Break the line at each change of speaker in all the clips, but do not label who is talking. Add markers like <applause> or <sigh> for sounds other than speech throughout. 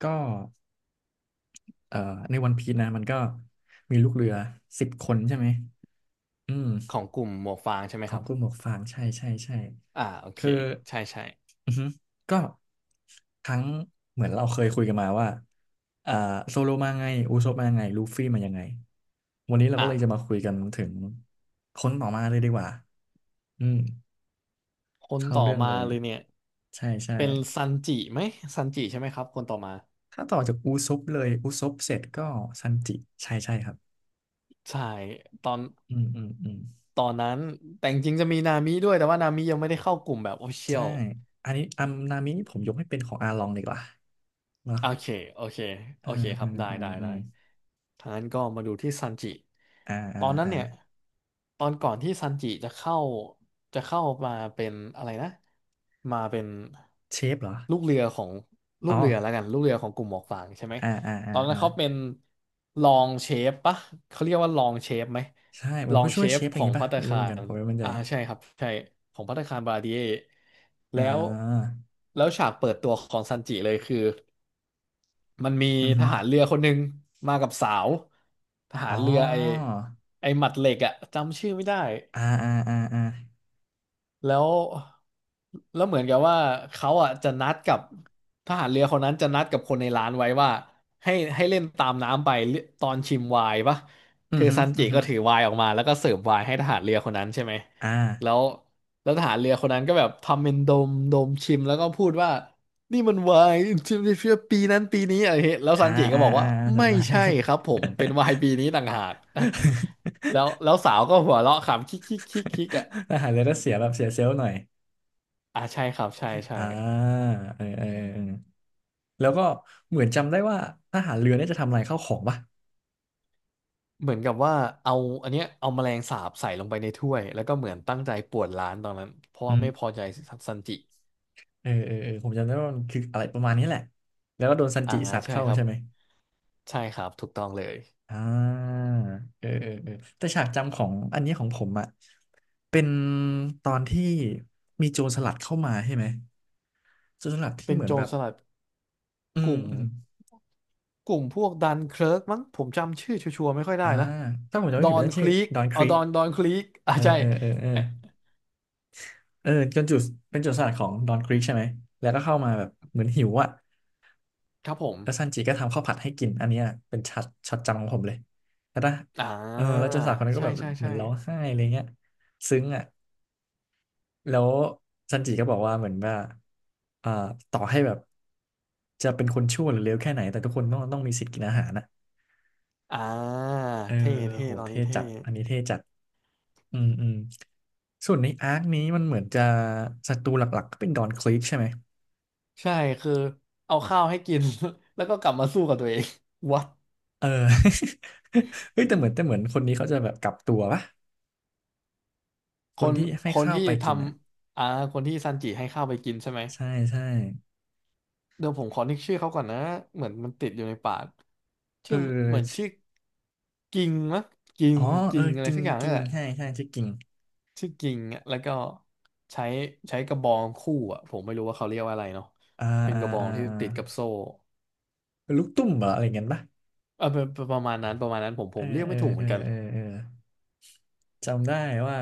ก็เอ่อในวันพีชนะมันก็มีลูกเรือสิบคนใช่ไหมอืม
ของกลุ่มหมวกฟางใช่ไหม
ข
ค
อง
รับ
กลุ่มหมวกฟางใช่ใช่ใช่
อ่าโอเค
คือ
ใช่ใช่
อือฮึก็ทั้งเหมือนเราเคยคุยกันมาว่าอ่าโซโลมาไงอูซบมาไงลูฟี่มายังไงวันนี้เรา
อ่า
ก็เลยจะมาคุยกันถึงคนต่อมาเลยดีกว่าอืม
คน
เข้า
ต่อ
เรื่อง
มา
เลย
เลยเนี่ย
ใช่ใช่
เป็นซันจิไหมซันจิใช่ไหมครับคนต่อมา
ถ้าต่อจากอูซบเลยอูซบเสร็จก็ซันจิใช่ใช่ครับ
ใช่ตอน
อืมอืมอืม
ตอนนั้นแต่จริงๆจะมีนามิด้วยแต่ว่านามิยังไม่ได้เข้ากลุ่มแบบ o อเชีย
ใช่
ว
อันนี้อัมนามิผมยกให้เป็นของอาลองดีกว่าเนาะ
โอเคโอเคโอ
อ่า
เคครั
อ่า
บ ได้
อ่า
ได้
อื
ได้
ม
ทางนั้นก็มาดูที่ซันจิ
อ่า
ต
อ่า
อนนั้น
อ่า
เนี่ยตอนก่อนที่ซันจิจะเข้าจะเข้ามาเป็นอะไรนะมาเป็น
เชฟเหรอ
ลูกเรือของลู
อ๋อ
กเรือแล้วกันลูกเรือของกลุ่มหมวกฟางใช่ไหม
อ่าอ่า
ต
อ่า
อนนั้
อ่า
นเขาเป็นรองเชฟปะเขาเรียกว่ารองเชฟไหม
ใช่เหมื
ร
อน
อง
ผู้ช่
เช
วยเช
ฟ
ฟอะไร
ข
อย่า
อ
ง
ง
งี้
ภั
ป่ะ
ตตา
ไม่รู้
คา
เหมือนกัน
ร
ผมไม่มั่นใจ
อ่าใช่ครับใช่ของภัตตาคารบาราดิเอ
อ่
แล้ว
า
ฉากเปิดตัวของซันจิเลยคือ มันมี
อือ
ท
ฮึ
หารเรือคนหนึ่งมากับสาวทหาร
อ๋อ
เรือไอหมัดเหล็กอะจำชื่อไม่ได้
อ่าอ่าอ่าอ่า
แล้วเหมือนกับว่าเขาอ่ะจะนัดกับทหารเรือคนนั้นจะนัดกับคนในร้านไว้ว่าให้เล่นตามน้ำไปตอนชิมไวน์ปะ
อือ
คือ
ฮึ
ซัน
อื
จิ
อฮึ
ก็ถือไวน์ออกมาแล้วก็เสิร์ฟไวน์ให้ทหารเรือคนนั้นใช่ไหม
อ่า
แล้วทหารเรือคนนั้นก็แบบทำเป็นดมดมชิมแล้วก็พูดว่านี่มันไวน์ชิมได้เพื่อปีนั้นปีนี้อะไรเงี้ยแล้ว
อ่า
ซันจิก็
อ่า
บอก
อ่า
ว่า
อ่า
ไม่
จำได้
ใช่ครับผมเป็นไวน์ปีนี้ต่างหาก <laughs> แล้วสาวก็หัวเราะขำคิกคิกคิกคิกอ่ะ
<laughs> ทหารเรือต้องเสียแบบเสียเซลล์หน่อย
อ่าใช่ครับใช่ใช่
อ่าเออเออเออแล้วก็เหมือนจำได้ว่าทหารเรือเนี่ยจะทำลายข้าวของป่ะ
เหมือนกับว่าเอาอันเนี้ยเอาแมลงสาบใส่ลงไปในถ้วยแล้วก็เหมือนตั้งใจป่วนร้านตอนนั้นเพราะ
อื
ว่า
ม
ไม่พอใจซันจิ
เออเออเออผมจำได้ว่ามันคืออะไรประมาณนี้แหละแล้วก็โดนซัน
อ่า
จิสัตว์
ใช่
เข้า
ครับ
ใช่ไหม
ใช่ครับถูกต้องเลย
อ่าเออเออเออแต่ฉากจำของอันนี้ของผมอ่ะเป็นตอนที่มีโจรสลัดเข้ามาใช่ไหมโจรสลัดที่
เป็น
เหมือ
โจ
นแบ
ร
บ
สลัด
อื
ก
ม
ลุ่ม
อืม
กลุ่มพวกดันเคิร์กมั้งผมจำชื่อชัวร์ๆไม่ค่อยได้
อ่า
นะ
ถ้าผมจำไม่
ดอ
ผิด
น
นั่น
ค
ชื่อ
ลีก
ดอนค
เอา
รี
ด
ก
อนดอนคลีกอ่า
เออ
ใช่
เออเออเออ
เอ๊ะ
เออจนจุดเป็นโจรสลัดของดอนครีกใช่ไหมแล้วก็เข้ามาแบบเหมือนหิวอ่ะ
ครับผม
แล้วซันจีก็ทำข้าวผัดให้กิน อันเนี้ยเป็นช็อตช็อตจำของผมเลยแล้วนะ
อ่า
เออแล้วเจ้าสาวคนนั้นก็
ใช่
แบบ
ใช่
เหมือ
ใช่
นร้องไห้อะไรเงี้ยซึ้งอ่ะแล้วซันจิก็บอกว่าเหมือนว่าอ่าต่อให้แบบจะเป็นคนชั่วหรือเลวแค่ไหนแต่ทุกคนต้องมีสิทธิ์กินอาหารนะ
อ่า
เออ
เท่
เออ
เท่
โห
ตอน
เท่
นี้เท่
จัดอันนี้เท่จัดอืมอืมส่วนในอาร์คนี้มันเหมือนจะศัตรูหลักๆก็เป็นดอนคลิกใช่ไหม
ใช่คือเอาข้าวให้กิน <laughs> แล้วก็กลับมาสู้กับตัวเอง <laughs> วัด
เออ <laughs> เฮ้ย แต่เหมือนแต่เหมือนคนนี้เขาจะแบบกลับตัวปะ
ค
คน
น
ที่ให้
คน
ข้าว
ที่
ไป
ท
กินอ่ะ
ำอ่าคนที่ซันจิให้ข้าวไปกินใช่ไหม
ใช่ใช่
เดี๋ยวผมขอนึกชื่อเขาก่อนนะเหมือนมันติดอยู่ในปาก
เอ
ชื่
อ
อเหมือนชื่อ
ชิ
กิงมั้งกิง
อ๋อ เอ
กิ
อ
งอะไร
กิ่ง
สักอย่าง
กิ่
นี่
ง
แหละ
ใช่ใช่ชื่อกิ่ง
ชื่อกิงอะแล้วก็ใช้ใช้กระบองคู่อ่ะผมไม่รู้ว่าเขาเรียกว่าอะไรเนาะ
อ่า
เป็น
อ่า
กระบอ
อ่า
งที่
อ่า
ติดกับโซ่
ลูกตุ้มเหรออะไรเงี้ยปะ
เออเป็นเปนประมาณนั้นประมาณนั้นผมผ
เออ
มเรียก
เออ
ไม่ถูกเห
เอ
มือ
อ
นกัน
เออเออจำได้ว่า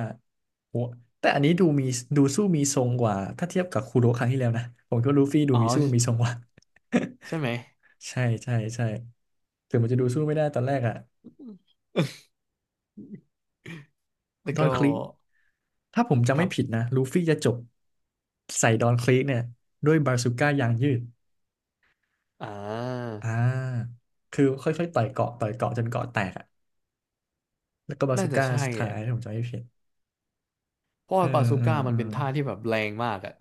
แต่อันนี้ดูมีดูสู้มีทรงกว่า ถ้าเทียบกับคูโร่ครั้งที่แล้วนะ ผมก็ลูฟี่ดู
อ๋อ
มีสู้มีทรงกว่า
ใช่ไหม
<laughs> ใช่ใช่ใช่ถึงมันจะดูสู้ไม่ได้ตอนแรกอะ
แล้ว
ดอ
ก็
นคลิกถ้าผมจำ
ค
ไม่
รับ
ผิดนะลูฟี่จะจบใส่ดอนคลิกเนี่ยด้วยบาซูก้ายางยืด
อ่า
อ่าคือค่อยๆต่อยเกาะต่อยเกาะจนเกาะแตก แล้วก็บา
น่า
ซู
จะ
ก้า
ใช่
สุดท้า
อะ
ยถ้าผมจำไม่ผิด
เพราะ
เออ
ว่าบาซู
เออ
ก้า
เอ
มัน
อ
เป็นท่าที่แบบแรงมากอะ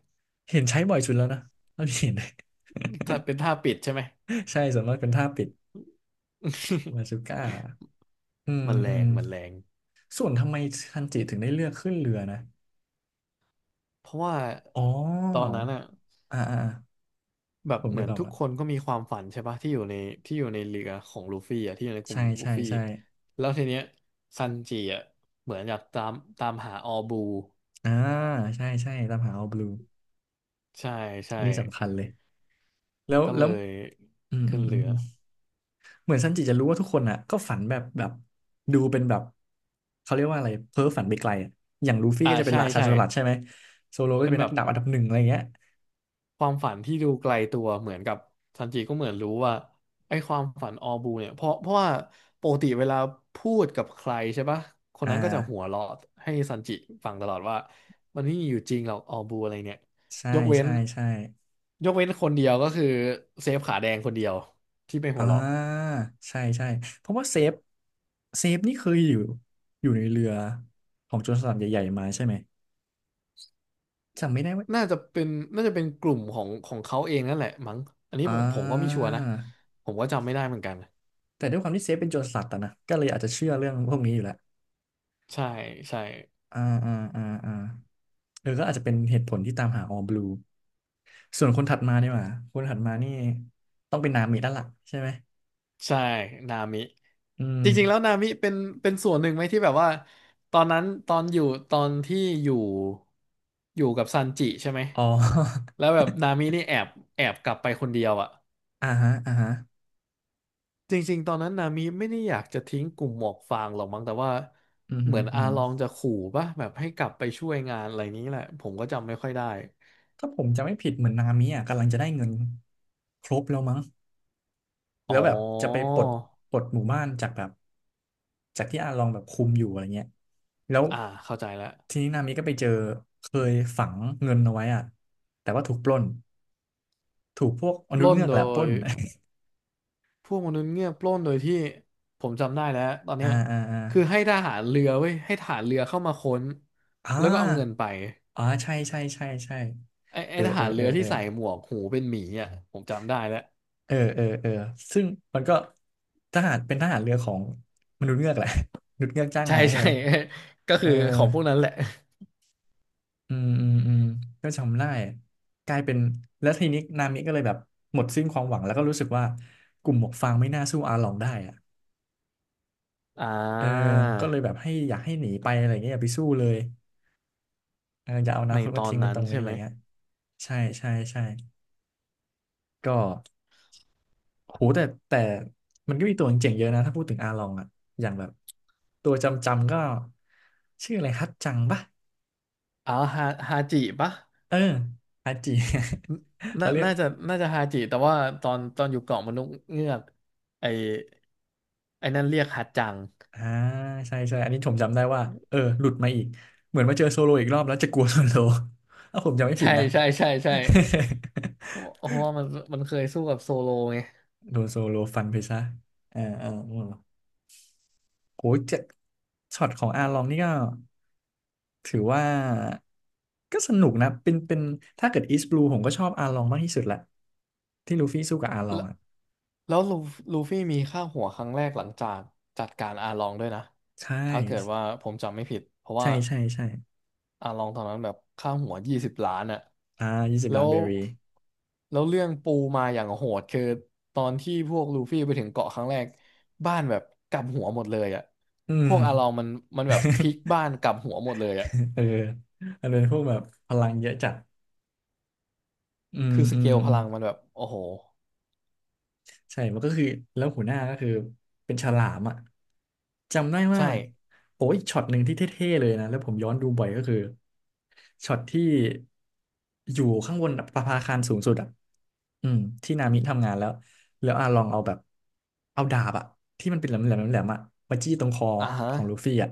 เห็นใช้บ่อยสุดแล้วนะเท่าที่เห็น
ถ้าเป็นท่าปิดใช่ไหม
<laughs> ใช่ส่วนมากเป็นท่าปิด
<laughs>
บาซูก้าอืม
มันแร
อืม
งมันแรง
ส่วนทำไมทันจิถึงได้เลือกขึ้นเรือนะ
เพราะว่า
อ๋อ
ตอนนั้นอะ
อ่าอ่าอ่า
แบบ
ผม
เห
นึ
มือ
ก
น
ออก
ทุ
แล
ก
ว
คนก็มีความฝันใช่ปะที่อยู่ในที่อยู่ในเรือของลูฟี่อะที่อยู่ในกลุ่
ใช่
มลู
ใช่
ฟี่
ใช่
แล้วทีเนี้ยซันจิอะเหมือนอยากตามตามหาออบู
อ่าใช่ใช่ตามหาเอาบลู
ใช่ใช่
อันนี้สำคัญเลยแล้ว
ก็เล
แล้ว
ย
อืม
ขึ้
อื
น
มอื
เรือ
ม เหมือนซันจิจะรู้ว่าทุกคนอ่ะก็ฝันแบบดูเป็นแบบเขาเรียกว่าอะไรเพ้อฝันไปไกลอะอย่างลูฟี่
อ่า
ก็จะเป็น
ใช่
ราชา
ใช่
โจรสลัดใช่ไหมโซโลก็
เป็
จะ
น
เป็น
แบ
นัก
บ
ดาบอันดับหนึ่งอะไรเงี้ย
ความฝันที่ดูไกลตัวเหมือนกับซันจิก็เหมือนรู้ว่าไอ้ความฝันออบูเนี่ยเพราะว่าปกติเวลาพูดกับใครใช่ปะคน
อ่า
นั้นก็จะหัวเราะให้ซันจิฟังตลอดว่ามันไม่มีอยู่จริงหรอกออบูอะไรเนี่ย
ใช่
ยกเว้น
ใช่ใช่
ยกเว้นคนเดียวก็คือเซฟขาแดงคนเดียวที่ไปหั
อ่
วเราะ
าใช่ใช่เพราะว่าเซฟเซฟนี่เคยอยู่อยู่ในเรือของโจรสลัดใหญ่ๆมาใช่ไหมจำไม่ได้ว่า
น่าจะเป็นน่าจะเป็นกลุ่มของของเขาเองนั่นแหละมั้งอันนี้
อ่
ผมก็ไม่ชั
า
วร์นะผมก็จำไม่ได้เหมือนกัน
แต่ด้วยความที่เซฟเป็นโจรสลัดอะนะก็เลยอาจจะเชื่อเรื่องพวกนี้อยู่แล้ว
ใช่ใช่
อ่าอ่าอ่าอ่าเออก็อาจจะเป็นเหตุผลที่ตามหาออ l ลูส่วนคนถัดมาเนี่ยว่าคนถัดมานี่ต้องเป็นนามิแล้วล่ะใช่ไหม
ใช่นามิ
อืม
จริงๆแล้วนามิเป็นเป็นส่วนหนึ่งไหมที่แบบว่าตอนนั้นตอนอยู่ตอนที่อยู่อยู่กับซันจิใช่ไหม
อ๋อ
แล้วแบบนามินี่แอบแอบกลับไปคนเดียวอะ
<laughs> อ่าฮะอ่าฮะ
จริงๆตอนนั้นนามิไม่ได้อยากจะทิ้งกลุ่มหมวกฟางหรอกมั้งแต่ว่า
อืมฮึ
เหมือน
อืม
อา
ฮึ
ลองจะขู่ป่ะแบบให้กลับไปช่วยงานอะไรนี้แหละผมก็จำไม่ค่อยได้
ถ้าผมจะไม่ผิดเหมือนนามิอ่ะกำลังจะได้เงินครบแล้วมั้งแล้ว
อ๋อ
แบบจะไปปลดหมู่บ้านจากแบบจากที่อาลองแบบคุมอยู่อะไรเงี้ยแล้ว
อ่าเข้าใจแล้ว
ทีนี้นามิก็ไปเจอเคยฝังเงินเอาไว้อ่ะแต่ว่าถูกปล้น ถูกพวกม
ป
นุษย์
ล้น
เงือกแห
โด
ละปล้
ย
น
พวกมนุษย์เงือกปล้นโดยที่ผมจำได้แล้วตอน
<laughs> อ่า
เนี้ย
อ่าอ่า
คือให้ทหารเรือเว้ยให้ทหารเรือเข้ามาค้น
อ่
แล้วก็เอาเงิ
า
นไป
อ๋อใช่ใช่ใช่ใช่
ไอ้
เออ
ท
เอ
หา
อ
รเรื
เออ
อ
เอ
ที่
อ
ใส่หมวกหูเป็นหมีอ่ะผมจำได้แล้ว
เออเออเออซึ่งมันก็ทหารเป็นทหารเรือของมนุษย์เงือกแหละ <laughs> มนุษย์เงือกจ้าง
ใช่
มาใช่
ใช่
ไหม
<laughs> ก็
เอ
คื
อ
อของพวกนั้นแหละ
อืมอืมอืมก็จำได้กลายเป็นแล้วทีนี้นามิก็เลยแบบหมดสิ้นความหวังแล้วก็รู้สึกว่ากลุ่มหมวกฟางไม่น่าสู้อาหลองได้อะ
อ่
เออ
า
ก็เลยแบบให้อยากให้หนีไปอะไรเงี้ยอย่าไปสู้เลย เอออย่าเอาอนา
ใน
คต
ต
มา
อน
ทิ้งไว้
นั้
ต
น
รงนี้
ใช่
อะ
ไห
ไร
ม
เงี้ยใช่ใช่ใช่ก็โหแต่มันก็มีตัวเจ๋งๆเยอะนะถ้าพูดถึงอาลองอะอย่างแบบตัวจำก็ชื่ออะไรฮัตจังปะ
อ๋อฮาฮาจิปะ
เอออาจี <laughs>
น่า
เขาเรียก
น่าจะน่าจะฮาจิแต่ว่าตอนอยู่เกาะมนุษย์เงือกไอ้ไอ้นั่นเรียกฮัดจัง
อ่าใช่ใช่อันนี้ผมจำได้ว่าเออหลุดมาอีกเหมือนมาเจอโซโลอีกรอบแล้วจะกลัวโซโล <laughs> ถ้าผมจำไม่ผิ
ใช่
ดนะ
ใช่ใช่ใช่ เพราะว่ามันเคยสู้กับโซโลไง
<laughs> โดนโซโลฟันไปซะเออเออโอ้โหเจ็ดช็อตของอาลองนี่ก็ ถือว่าก็สนุกนะเป็นถ้าเกิดอีส b บลูผมก็ชอบอาลองมากที่สุดแหละที่ลูฟี่สู้กับอาลอง
แล้ว
อ่ะ
แล้วลูฟี่มีค่าหัวครั้งแรกหลังจากจัดการอาลองด้วยนะ
ใช่
ถ้าเกิดว่าผมจำไม่ผิดเพราะ
ใช่
ว่า
ใช่ใช่
อาลองตอนนั้นแบบค่าหัว20 ล้านอะ
อ่ายี่สิบ
แล้
ล้าน
ว
เบอร์รี่
แล้วเรื่องปูมาอย่างโหดคือตอนที่พวกลูฟี่ไปถึงเกาะครั้งแรกบ้านแบบกลับหัวหมดเลยอะ
อื
พ
ม
วกอาลองมันแบบพลิกบ้านกลับหัวหมดเลยอะ
<laughs> เออมันเป็นพวกแบบพลังเยอะจัดอืม
คือส
อื
เก
ม
ลพ
อืม
ลังมันแบบโอ้โห
ใช่มันก็คือแล้วหัวหน้าก็คือเป็นฉลามอ่ะจำได้ว่า
ใช่
โอ้ยช็อตหนึ่งที่เท่ๆเลยนะแล้วผมย้อนดูบ่อยก็คือช็อตที่อยู่ข้างบนประภาคารสูงสุดอ่ะอืมที่นามิทำงานแล้วแล้วอาลองเอาแบบเอาดาบอ่ะที่มันเป็นแหลมๆแหลมๆอ่ะมาจี้ตรงคอ
อ่าฮะ
ของลูฟี่อ่ะ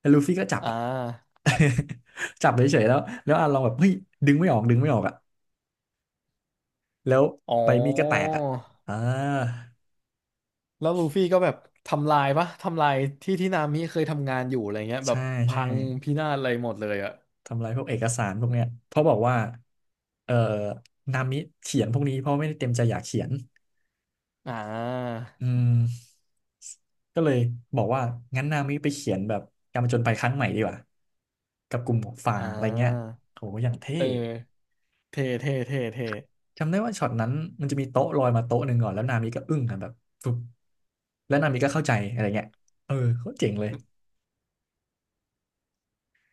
แล้วลูฟี่ก็จับ
อ่
อ่ะ
า
<laughs> จับเฉยๆแล้วแล้วอาลองแบบเฮ้ยดึงไม่ออกดึงไม่ออกอ่ะแล้ว
อ๋อ
ใบมีดก็แตกอ่ะอ่า
แล้วลูฟี่ก็แบบทำลายปะทำลายที่นามิเคยทำงานอยู่อะไรเงี้ยแบ
ใช่
บ
ใช่
พังพินาศอะไรหมดเลยอะ
ทำลายพวกเอกสารพวกเนี้ยเพราะบอกว่าเอ่อนามิเขียนพวกนี้เพราะไม่ได้เต็มใจอยากเขียน
อ่า
อืมก็เลยบอกว่างั้นนามิไปเขียนแบบการผจญภัยครั้งใหม่ดีกว่ากับกลุ่มของฝั่
อ่
งอะไรเงี้ย
า
โหอย่างเท่
เออเท่เท่เท่เท่
จำได้ว่าช็อตนั้นมันจะมีโต๊ะลอยมาโต๊ะหนึ่งก่อนแล้วนามิก็อึ้งกันแบบปุ๊บแล้วนามิก็เข้าใจอะไรเงี้ยเออเขาเจ๋งเลย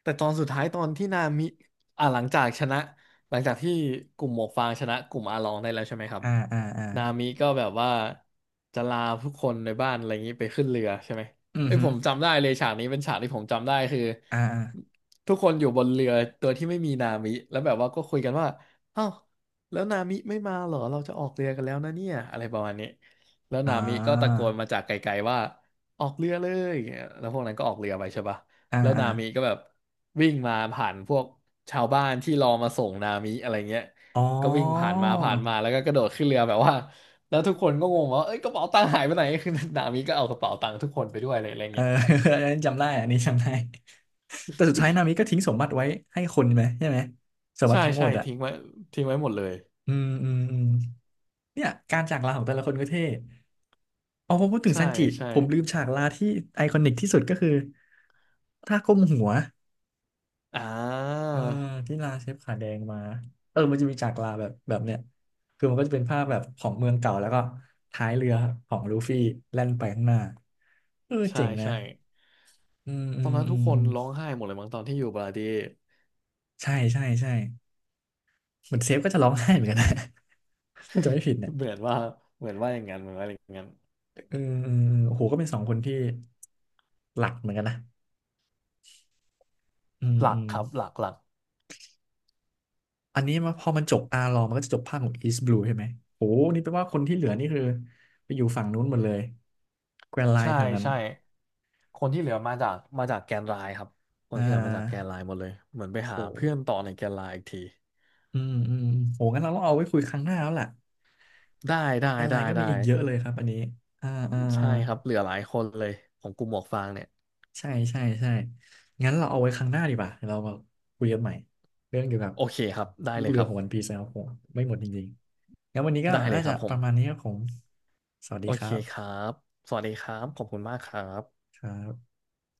แต่ตอนสุดท้ายตอนที่นามิหลังจากชนะหลังจากที่กลุ่มหมวกฟางชนะกลุ่มอาลองได้แล้วใช่ไหมครับ
อ่าอ่าอ่า
นามิก็แบบว่าจะลาทุกคนในบ้านอะไรอย่างนี้ไปขึ้นเรือใช่ไหม
อือ
ไอ้ย
ฮึ
ผมจำได้เลยฉากนี้เป็นฉากที่ผมจำได้คือ
อ่า
ทุกคนอยู่บนเรือตัวที่ไม่มีนามิแล้วแบบว่าก็คุยกันว่าอ้าวแล้วนามิไม่มาเหรอเราจะออกเรือกันแล้วนะเนี่ยอะไรประมาณนี้แล้ว
อ่
นามิก็ตะโก
า
นมาจากไกลๆว่าออกเรือเลยแล้วพวกนั้นก็ออกเรือไปใช่ปะ
อ่า
แล้ว
อ่า
นามิก็แบบวิ่งมาผ่านพวกชาวบ้านที่รอมาส่งนามิอะไรเงี้ย
อ๋
ก็วิ่งผ่าน
อ
มาผ่านมาแล้วก็กระโดดขึ้นเรือแบบว่าแล้วทุกคนก็งงว่าเอ้ยกระเป๋าตังค์หายไปไหน <laughs> คือ <laughs> นามิก็เอากระเป๋าตังค์ทุกคนไปด้วยอะไรอะไร
เออ
เงี้ย
<laughs> อันนั้นจำได้อันนี้จำได้ <laughs> แต่สุดท้ายนามิก็ทิ้งสมบัติไว้ให้คนไหมใช่ไหมสมบั
ใช่
ติทั้งหม
ใช่
ดอ่ะ
ทิ้งไว้ทิ้งไว้หมดเลย
อืมอืมอืมเนี่ยการจากลาของแต่ละคนก็เท่เอาพอพูดถึง
ใช่
ซันจิ
ใช่
ผมลืมฉากลาที่ไอคอนิกที่สุดก็คือท่าก้มหัว
อ่า
เออที่ลาเชฟขาแดงมา เออมันจะมีฉากลาแบบเนี้ยคือมันก็จะเป็นภาพแบบของเมืองเก่าแล้วก็ท้ายเรือของลูฟี่แล่นไปข้างหน้าเออ
ใช่
เจ๋งนะ
ใช่
อืมอื
ตอน
ม
นั้น
อื
ทุก
ม
ค
อื
นร้อง
ม
ไห้หมดเลยมั้งตอนที่อยู่บาร์ดี้
ใช่ใช่ใช่เหมือนเซฟก็จะร้องไห้เหมือนกันนะ <laughs> ถ้าจะไม่ผิดเนี่ย
เหมือนว่าเหมือนว่าอย่างนั้นเหมือนว่าอย่างนั้น
เออเออเออโอ้โหก็เป็นสองคนที่หลักเหมือนกันนะอืม
หลั
อื
ก
ม
ครับหลักหลัก
อันนี้มาพอมันจบอาร์ลอมันก็จะจบภาคของอีสต์บลูใช่ไหมโอ้โหนี่แปลว่าคนที่เหลือนี่คือไปอยู่ฝั่งนู้นหมดเลยแกรนไล
ใช่
น์แถวนั้น
ใช่คนที่เหลือมาจากแกนไลน์ครับคน
อ่
ที่เหลือมาจากแกน
า
ไลน์หมดเลยเหมือนไป
โห
หาเพื่อนต่อในแกนไลน์อีกที
อืมอืมโหงั้นเราต้องเอาไว้คุยครั้งหน้าแล้วล่ะ
ได้
เพราะ
ได้
แกรนไล
ได้
น์ก็มี
ได้
อีกเยอะเลยครับอันนี้อ่าอ่า
ใช่ครับเหลือหลายคนเลยของกลุ่มหมวกฟางเนี่ย
ใช่ใช่ใช่ งั้นเราเอาไว้ครั้งหน้าดีกว่าเดี๋ยวเรามาคุยกันใหม่ เรื่องเกี่ยวกับ
โอเคครับได้
ลู
เล
ก
ย
เรื
ค
อ
รับ
ของวันพีซนะครับผมไม่หมดจริงๆงั้นวันนี้ก็
ได้เล
น่า
ยค
จะ
รับผ
ป
ม
ระมาณนี้ครับผมสวัสดี
โอ
ค
เค
รั
ครั
บ
บสวัสดีครับขอบคุณมากครับ
ครับ